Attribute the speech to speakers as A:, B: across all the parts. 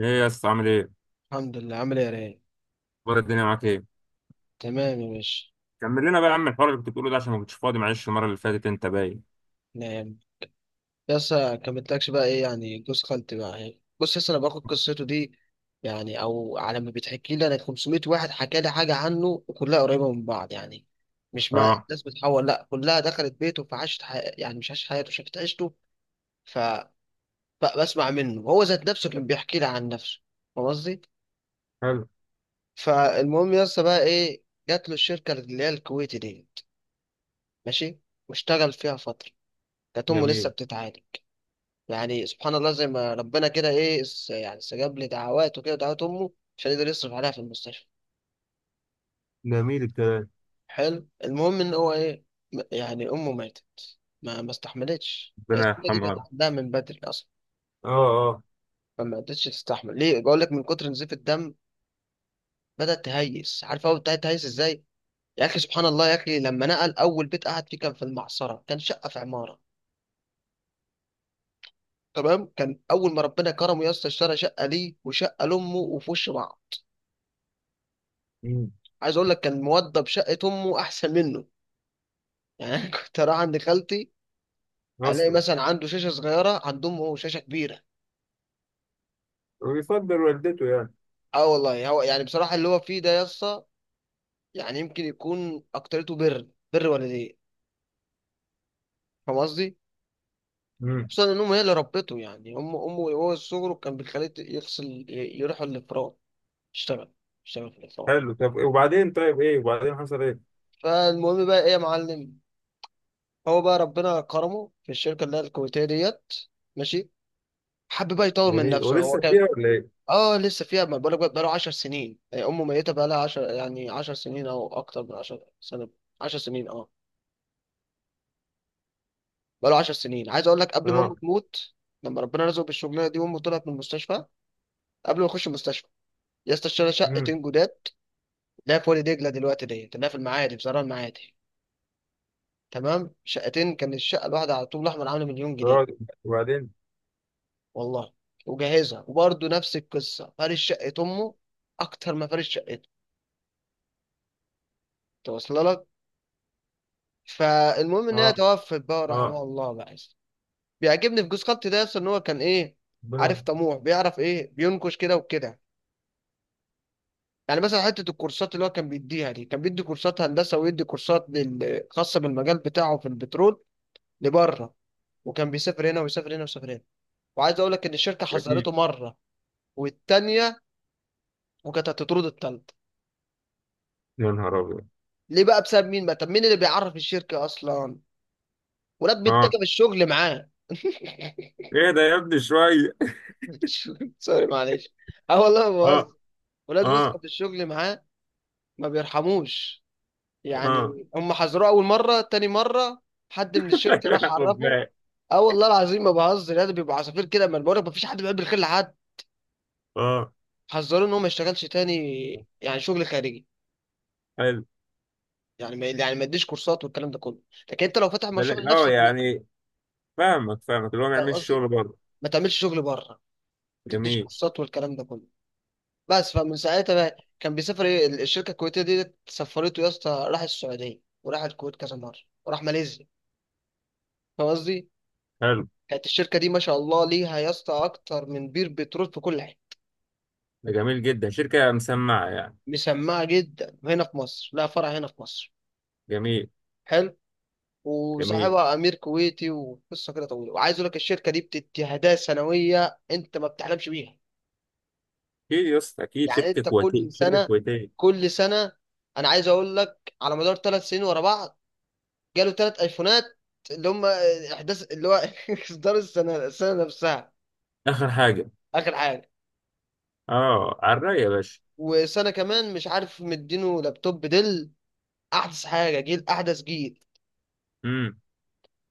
A: ايه يا اسطى عامل ايه؟
B: الحمد لله. عامل ايه يا رايق؟
A: اخبار الدنيا معاك ايه؟
B: تمام يا باشا.
A: كمل لنا بقى يا عم الحوار اللي كنت بتقوله ده عشان ما كنتش فاضي، معلش المره اللي فاتت انت باين.
B: نعم. بس كملتلكش بقى ايه؟ يعني جوز خالتي بقى ايه؟ بص، لسه انا باخد قصته دي، يعني او على ما بتحكي لي، انا 500 واحد حكى لي حاجه عنه وكلها قريبه من بعض، يعني مش مع
A: اه.
B: الناس بتحول، لا كلها دخلت بيته فعاشت يعني مش عاشت حياته، شافت عيشته. فبسمع منه هو ذات نفسه، كان بيحكي لي عن نفسه، فاهم قصدي؟
A: حلو.
B: فالمهم لسه بقى ايه، جات له الشركه اللي هي الكويتي دي، ماشي، واشتغل فيها فتره، كانت امه لسه
A: جميل.
B: بتتعالج، يعني سبحان الله زي ما ربنا كده ايه يعني استجاب لي دعواته كده، دعوات امه، عشان يقدر يصرف عليها في المستشفى.
A: جميل الكلام.
B: حلو، المهم ان هو ايه، يعني امه ماتت، ما استحملتش،
A: ربنا
B: السنه دي
A: يرحمه يا
B: كانت
A: رب.
B: عندها من بدري اصلا.
A: اه. اه.
B: فما قدرتش تستحمل، ليه؟ بقول لك، من كتر نزيف الدم بدات تهيس، عارف هو بدات تهيس ازاي؟ يا اخي سبحان الله، يا اخي لما نقل اول بيت قعد فيه، كان في المعصره، كان شقه في عماره، تمام؟ كان اول ما ربنا كرمه يا اسطى، اشترى شقه ليه وشقه لامه وفي وش بعض.
A: مم.
B: عايز اقول لك، كان موضب شقه امه احسن منه، يعني أنا كنت اروح عند خالتي الاقي
A: اصلا.
B: مثلا عنده شاشه صغيره، عندهم هو شاشه كبيره.
A: ويفضل والدته يعني.
B: اه والله، هو يعني بصراحه اللي هو فيه ده يسطا، يعني يمكن يكون اكترته بر والديه، فاهم قصدي؟
A: امم.
B: خصوصا ان امه هي اللي ربته، يعني امه وهو صغره كان بيخليه يروح الافران، يشتغل، في الافران.
A: حلو، طب وبعدين؟ طيب ايه وبعدين؟ حصل ايه؟
B: فالمهم بقى ايه يا معلم، هو بقى ربنا كرمه في الشركه اللي هي الكويتيه ديت، ماشي، حب بقى يطور من
A: جميل،
B: نفسه، هو
A: ولسه فيها
B: كان.
A: ولا ايه؟
B: اه لسه فيها، ما بقولك بقى بقاله 10 سنين، آه، امه ميته بقالها 10، يعني 10 سنين او اكتر من 10 سنه، 10 سنين اه، بقاله 10 سنين. عايز اقول لك قبل ما امه
A: اه.
B: تموت، لما ربنا رزقه بالشغلانه دي وامه طلعت من المستشفى، قبل ما اخش المستشفى، يا اسطى اشترى
A: امم.
B: شقتين جداد، اللي هي في وادي دجله دلوقتي ديت، اللي هي في المعادي، في زرع المعادي، تمام؟ شقتين، كان الشقه الواحده على طول الاحمر عامله مليون جنيه،
A: اه. وبعدين؟
B: والله. وجهزها، وبرضه نفس القصه، فارش شقه امه اكتر ما فارش شقته، توصل؟ فالمهم ان
A: اه.
B: هي توفت بقى،
A: اه.
B: رحمها الله بقى. بيعجبني في جوز خط ده اصلا ان هو كان ايه، عارف،
A: ربنا.
B: طموح، بيعرف ايه، بينكش كده وكده. يعني مثلا حته الكورسات اللي هو كان بيديها دي، كان بيدي كورسات هندسه، ويدي كورسات خاصه بالمجال بتاعه في البترول، لبره. وكان بيسافر هنا ويسافر هنا ويسافر هنا. وعايز اقول لك ان الشركه
A: جميل.
B: حذرته مره والتانيه، وكانت هتطرد التالته.
A: يا نهار ابيض.
B: ليه بقى؟ بسبب مين بقى؟ طب مين اللي بيعرف الشركه اصلا؟ ولاد
A: اه.
B: بيتكب الشغل معاه.
A: ايه ده يا ابني شويه.
B: سوري معلش، اه والله ما
A: اه.
B: بهزر، ولاد وسخة
A: اه.
B: في الشغل معاه، ما بيرحموش.
A: اه.
B: يعني هم حذروه اول مره، تاني مره، حد من الشركه راح
A: لا خد
B: عرفه.
A: بالك.
B: اه والله العظيم ما بهزر، يعني بيبقى عصافير كده، ما بقولك ما فيش حد بيحب الخير لحد.
A: اه.
B: حذروه ان هو ما يشتغلش تاني، يعني شغل خارجي،
A: حلو.
B: يعني ما يديش كورسات والكلام ده كله، لكن انت لو فاتح مشروع لنفسك ليه،
A: يعني فاهمك، فاهمك، اللي هو ما
B: فاهم
A: يعملش
B: قصدي؟
A: شغل بره.
B: ما تعملش شغل بره، ما تديش
A: جميل.
B: كورسات والكلام ده كله. بس فمن ساعتها بقى كان بيسافر ايه، الشركه الكويتيه دي سفرته يا اسطى، راح السعوديه وراح الكويت كذا مره، وراح ماليزيا، فاهم قصدي؟
A: حلو.
B: كانت الشركة دي ما شاء الله ليها يا اسطى أكتر من بير بترول في كل حتة.
A: ده جميل جدا، شركة مسمعة يعني.
B: مسمعة جدا، هنا في مصر لها فرع هنا في مصر.
A: جميل.
B: حلو،
A: جميل.
B: وصاحبها أمير كويتي، وقصة كده طويلة. وعايز أقول لك الشركة دي بتدي هدايا سنوية أنت ما بتحلمش بيها.
A: اكيد يا اسطى اكيد،
B: يعني
A: شركة
B: أنت
A: كويتية
B: كل
A: شركة
B: سنة،
A: كويتية.
B: كل سنة أنا عايز أقول لك على مدار ثلاث سنين ورا بعض جاله ثلاث أيفونات، اللي هم إحداث اللي هو إصدار السنة نفسها،
A: اخر حاجة.
B: آخر حاجة.
A: اه على الرأي يا باشا.
B: وسنة كمان مش عارف مدينه لابتوب ديل، احدث حاجه، جيل احدث جيل،
A: امم.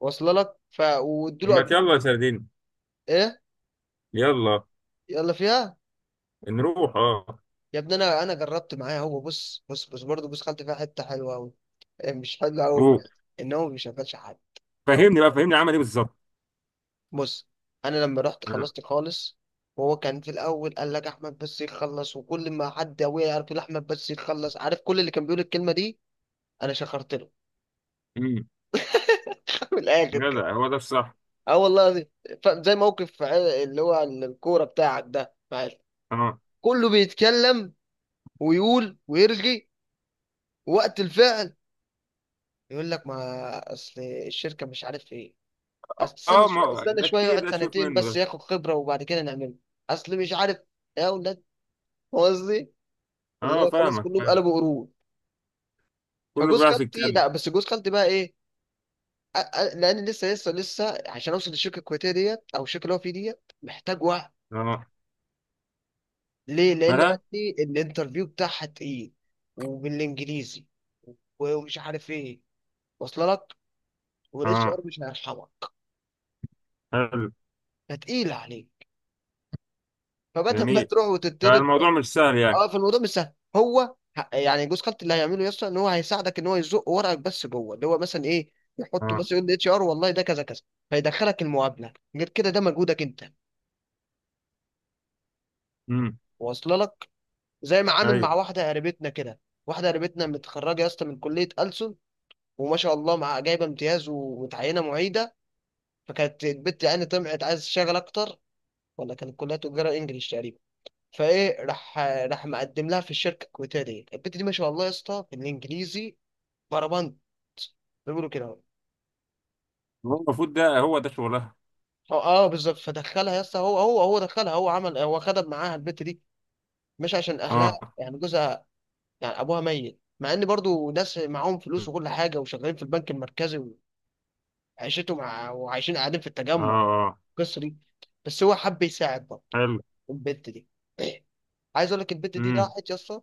B: واصله لك؟ ف وادوا
A: ما
B: له.
A: يلا يا سردين.
B: ايه،
A: يلا.
B: يلا فيها.
A: نروح اه.
B: يا ابني انا، جربت معاه، هو بص برضه بص، خدت فيها حته حلوه قوي، مش حلوه قوي،
A: روح.
B: ان هو ما بيشغلش حد.
A: فهمني بقى، فهمني عمل ايه بالظبط.
B: بص، انا لما رحت
A: اه.
B: خلصت خالص، وهو كان في الاول قال لك احمد بس يخلص، وكل ما حد ابويا يعرف يقول احمد بس يخلص، عارف كل اللي كان بيقول الكلمه دي، انا شخرت له.
A: امم.
B: من الاخر كده،
A: جدع، هو ده الصح.
B: اه والله العظيم. زي موقف اللي هو الكوره بتاعك ده معايا.
A: اه.
B: كله بيتكلم ويقول ويرغي، وقت الفعل يقول لك، ما اصل الشركه مش عارف ايه، اصل استنى
A: اه
B: شويه،
A: ما ده كتير،
B: يقعد
A: ده تشوف
B: سنتين
A: منه
B: بس
A: ده.
B: ياخد خبره وبعد كده نعمله، اصل مش عارف، يا ولاد، هو قصدي اللي
A: اه
B: هو خلاص
A: فاهمك،
B: كلهم
A: فاهم.
B: قلبوا قرود.
A: كله
B: فجوز
A: بيعرف
B: خالتي،
A: يتكلم.
B: لا بس جوز خالتي بقى ايه، لان لسه عشان اوصل للشركه الكويتيه ديت او الشركه اللي هو فيه ديت محتاج وقت.
A: اه.
B: ليه؟ لان
A: مالها؟
B: قالت لي الانترفيو بتاعها تقيل، وبالانجليزي ومش عارف ايه، واصله لك؟ والاتش ار
A: اه.
B: مش هيرحمك،
A: حلو.
B: فتقيل عليك، فبدل ما
A: جميل.
B: تروح
A: يعني
B: وتطرد.
A: الموضوع مش سهل يعني.
B: اه، فالموضوع مش سهل، هو يعني جوز خالتي اللي هيعمله يسطا ان هو هيساعدك ان هو يزق ورقك، بس جوه اللي هو مثلا ايه، يحطه
A: اه.
B: مثلا، يقول اتش ار والله ده كذا كذا، فيدخلك المقابله، غير كده ده مجهودك انت،
A: امم.
B: واصله لك؟ زي ما عامل مع
A: ايوه.
B: واحده قريبتنا كده، واحده قريبتنا متخرجه يا اسطى من كليه ألسن، وما شاء الله مع جايبه امتياز ومتعينه معيده، فكانت البت يعني طمعت عايز تشتغل اكتر، ولا كانت كلها تجاره انجلش تقريبا. فايه، راح مقدم لها في الشركه الكويتيه دي، البنت دي ما شاء الله يا اسطى في الانجليزي بربنت، بيقولوا كده اهو.
A: هو المفروض ده هو ده شغلها.
B: اه بالظبط، فدخلها يا اسطى، هو دخلها، هو عمل، هو خدم معاها البنت دي، مش عشان اهلها،
A: اه.
B: يعني جوزها، يعني ابوها ميت، مع ان برضو ناس معاهم فلوس
A: اه.
B: وكل حاجه وشغالين في البنك المركزي، وعيشتهم وعايشين قاعدين في التجمع،
A: اه.
B: القصه دي، بس هو حب يساعد برضه
A: حلو.
B: البنت دي. عايز اقول لك البنت دي
A: امم.
B: راحت يا اسطى،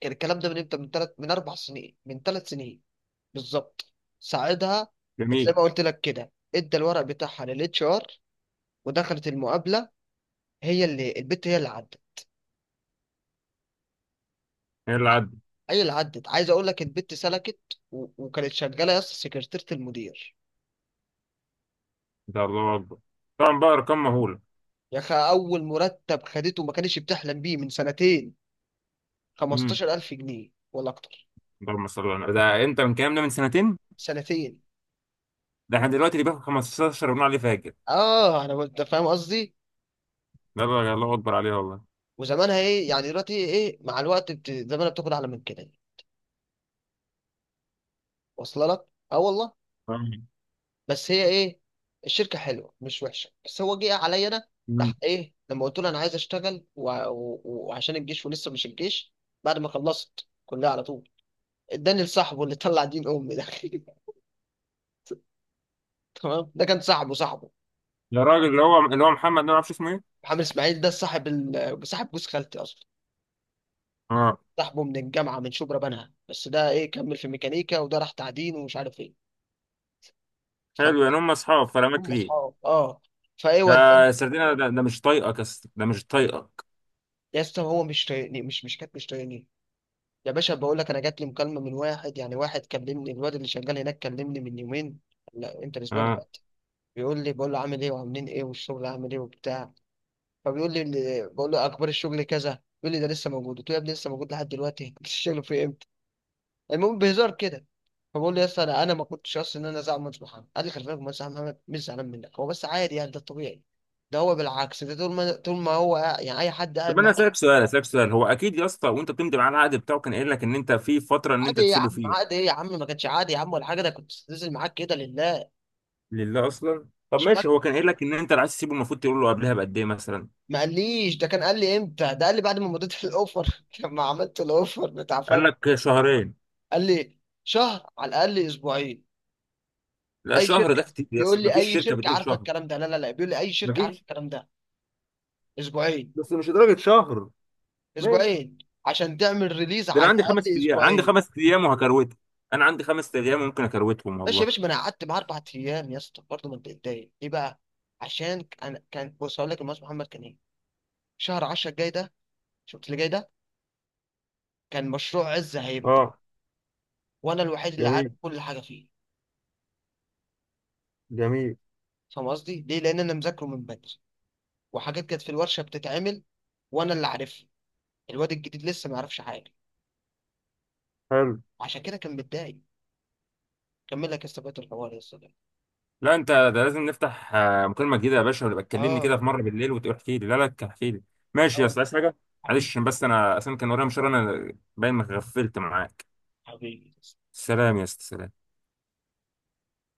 B: كان الكلام ده من امتى، من اربع سنين، من ثلاث سنين بالظبط، ساعدها، زي
A: جميل.
B: ما قلت لك كده ادى الورق بتاعها للاتش ار ودخلت المقابله، هي اللي عدت،
A: ايه اللي عدى؟
B: عايز اقول لك البت سلكت. وكانت شغاله يا اسطى سكرتيره المدير.
A: ده الله اكبر. طبعا بقى ارقام مهوله.
B: يا اخي اول مرتب خدته ما كانش بتحلم بيه من سنتين،
A: امم.
B: 15,000 جنيه ولا اكتر.
A: اللهم صل على النبي. ده امتى من الكلام ده؟ من سنتين؟
B: سنتين
A: ده احنا دلوقتي اللي بياخد 15 بنقول عليه فاجر.
B: اه، انت فاهم قصدي.
A: ده الله الله اكبر عليه والله.
B: وزمانها ايه يعني دلوقتي ايه، مع الوقت زمانها بتاخد اعلى من كده، واصله لك؟ اه والله.
A: آه.
B: بس هي ايه، الشركه حلوه مش وحشه، بس هو جه عليا انا، راح
A: امم.
B: ايه لما قلت له انا عايز اشتغل وعشان الجيش ولسه مش الجيش، بعد ما خلصت كلها على طول اداني لصاحبه اللي طلع دين امي ده. تمام، ده كان صاحبه
A: ده الراجل اللي هو اللي هو محمد ده، ما اعرفش اسمه ايه.
B: محمد اسماعيل، ده صاحب صاحب جوز خالتي اصلا،
A: اه.
B: صاحبه من الجامعه من شبرا بنها، بس ده ايه، كمل في ميكانيكا، وده راح تعدين ومش عارف ايه، فهم،
A: حلو يعني، هم اصحاب فلا ماك ليه
B: اصحاب اه. فايه
A: ده.
B: وداني.
A: سردينه ده، ده مش طايقك يا اسطى. ده مش طايقك.
B: يا اسطى هو مش طايقني، مش مش كانت مش طايقني. يا باشا بقول لك، انا جات لي مكالمه من واحد، يعني واحد كلمني الواد اللي شغال هناك، كلمني من يومين، لا امتى، الاسبوع اللي
A: اه.
B: فات، بيقول لي، بقول له عامل ايه وعاملين ايه والشغل عامل ايه وبتاع. فبيقول لي بقول له اخبار الشغل كذا، بيقول لي ده لسه موجود، قلت له يا ابني لسه موجود لحد دلوقتي، انت الشغل في امتى، المهم بهزار كده. فبقول له يا اسطى انا، ما كنتش اصلا ان انا زعلان من محمد، قال لي خلي بالك مهندس محمد مش زعلان منك، هو بس عادي يعني، ده الطبيعي، ده هو بالعكس، ده طول ما هو يعني اي حد قاعد
A: طب انا
B: معاه
A: اسالك سؤال، اسالك سؤال، هو اكيد يا اسطى وانت بتمضي معاه العقد بتاعه كان قايل لك ان انت في فتره ان انت
B: عادي يا
A: تسيبه
B: عم،
A: فيها.
B: عادي ايه يا عم، ما كانش عادي يا عم ولا حاجه، ده كنت نازل معاك كده لله.
A: لله اصلا. طب
B: مش ما
A: ماشي، هو كان قايل لك ان انت اللي عايز تسيبه المفروض تقول له قبلها بقد ايه مثلا؟
B: ما قاليش ده، كان قال لي امتى، ده قال لي بعد ما مضيت الاوفر، لما عملت الاوفر بتاع،
A: قال
B: فاهم؟
A: لك شهرين؟
B: قال لي شهر، على الاقل اسبوعين.
A: لا
B: اي
A: شهر ده
B: شركه،
A: كتير يا اسطى،
B: بيقول لي
A: مفيش
B: اي
A: شركه
B: شركه
A: بتقول
B: عارفه
A: شهر.
B: الكلام ده، لا بيقول لي اي شركه عارفه
A: مفيش.
B: الكلام ده. اسبوعين،
A: بس مش لدرجه شهر. ماشي.
B: اسبوعين. عشان تعمل ريليز
A: ده انا
B: على
A: عندي خمس
B: الاقل
A: ايام، عندي
B: اسبوعين.
A: خمس ايام وهكروته. انا عندي خمس ايام ممكن اكروتهم
B: ماشي يا
A: والله.
B: باشا، ما انا قعدت معاه اربع ايام يا اسطى برضه، ما اتضايق ليه بقى؟ عشان انا كان، بص هقول لك، المهندس محمد كان ايه، شهر 10 الجاي ده، شفت اللي جاي ده، كان مشروع عز هيبدا،
A: اه.
B: وانا الوحيد اللي عارف
A: جميل.
B: كل حاجه فيه،
A: جميل.
B: فاهم قصدي؟ ليه؟ لان انا مذاكره من بدري، وحاجات كانت في الورشه بتتعمل وانا اللي عارفها، الواد الجديد لسه ما يعرفش حاجه،
A: حلو.
B: عشان كده كان متضايق. كمل لك يا اسطى بقية الحوار يا اسطى ده.
A: لا انت ده لازم نفتح آه، مكالمه جديده يا باشا، ويبقى تكلمني
B: اه،
A: كده في مره بالليل وتقول احكي لي. لا احكي لي. ماشي يا
B: اه
A: اسطى، عايز حاجه؟
B: حبيبي،
A: معلش بس انا اصلا كان ورايا مشوار انا، باين ما غفلت معاك.
B: حبيبي.
A: سلام يا اسطى، سلام.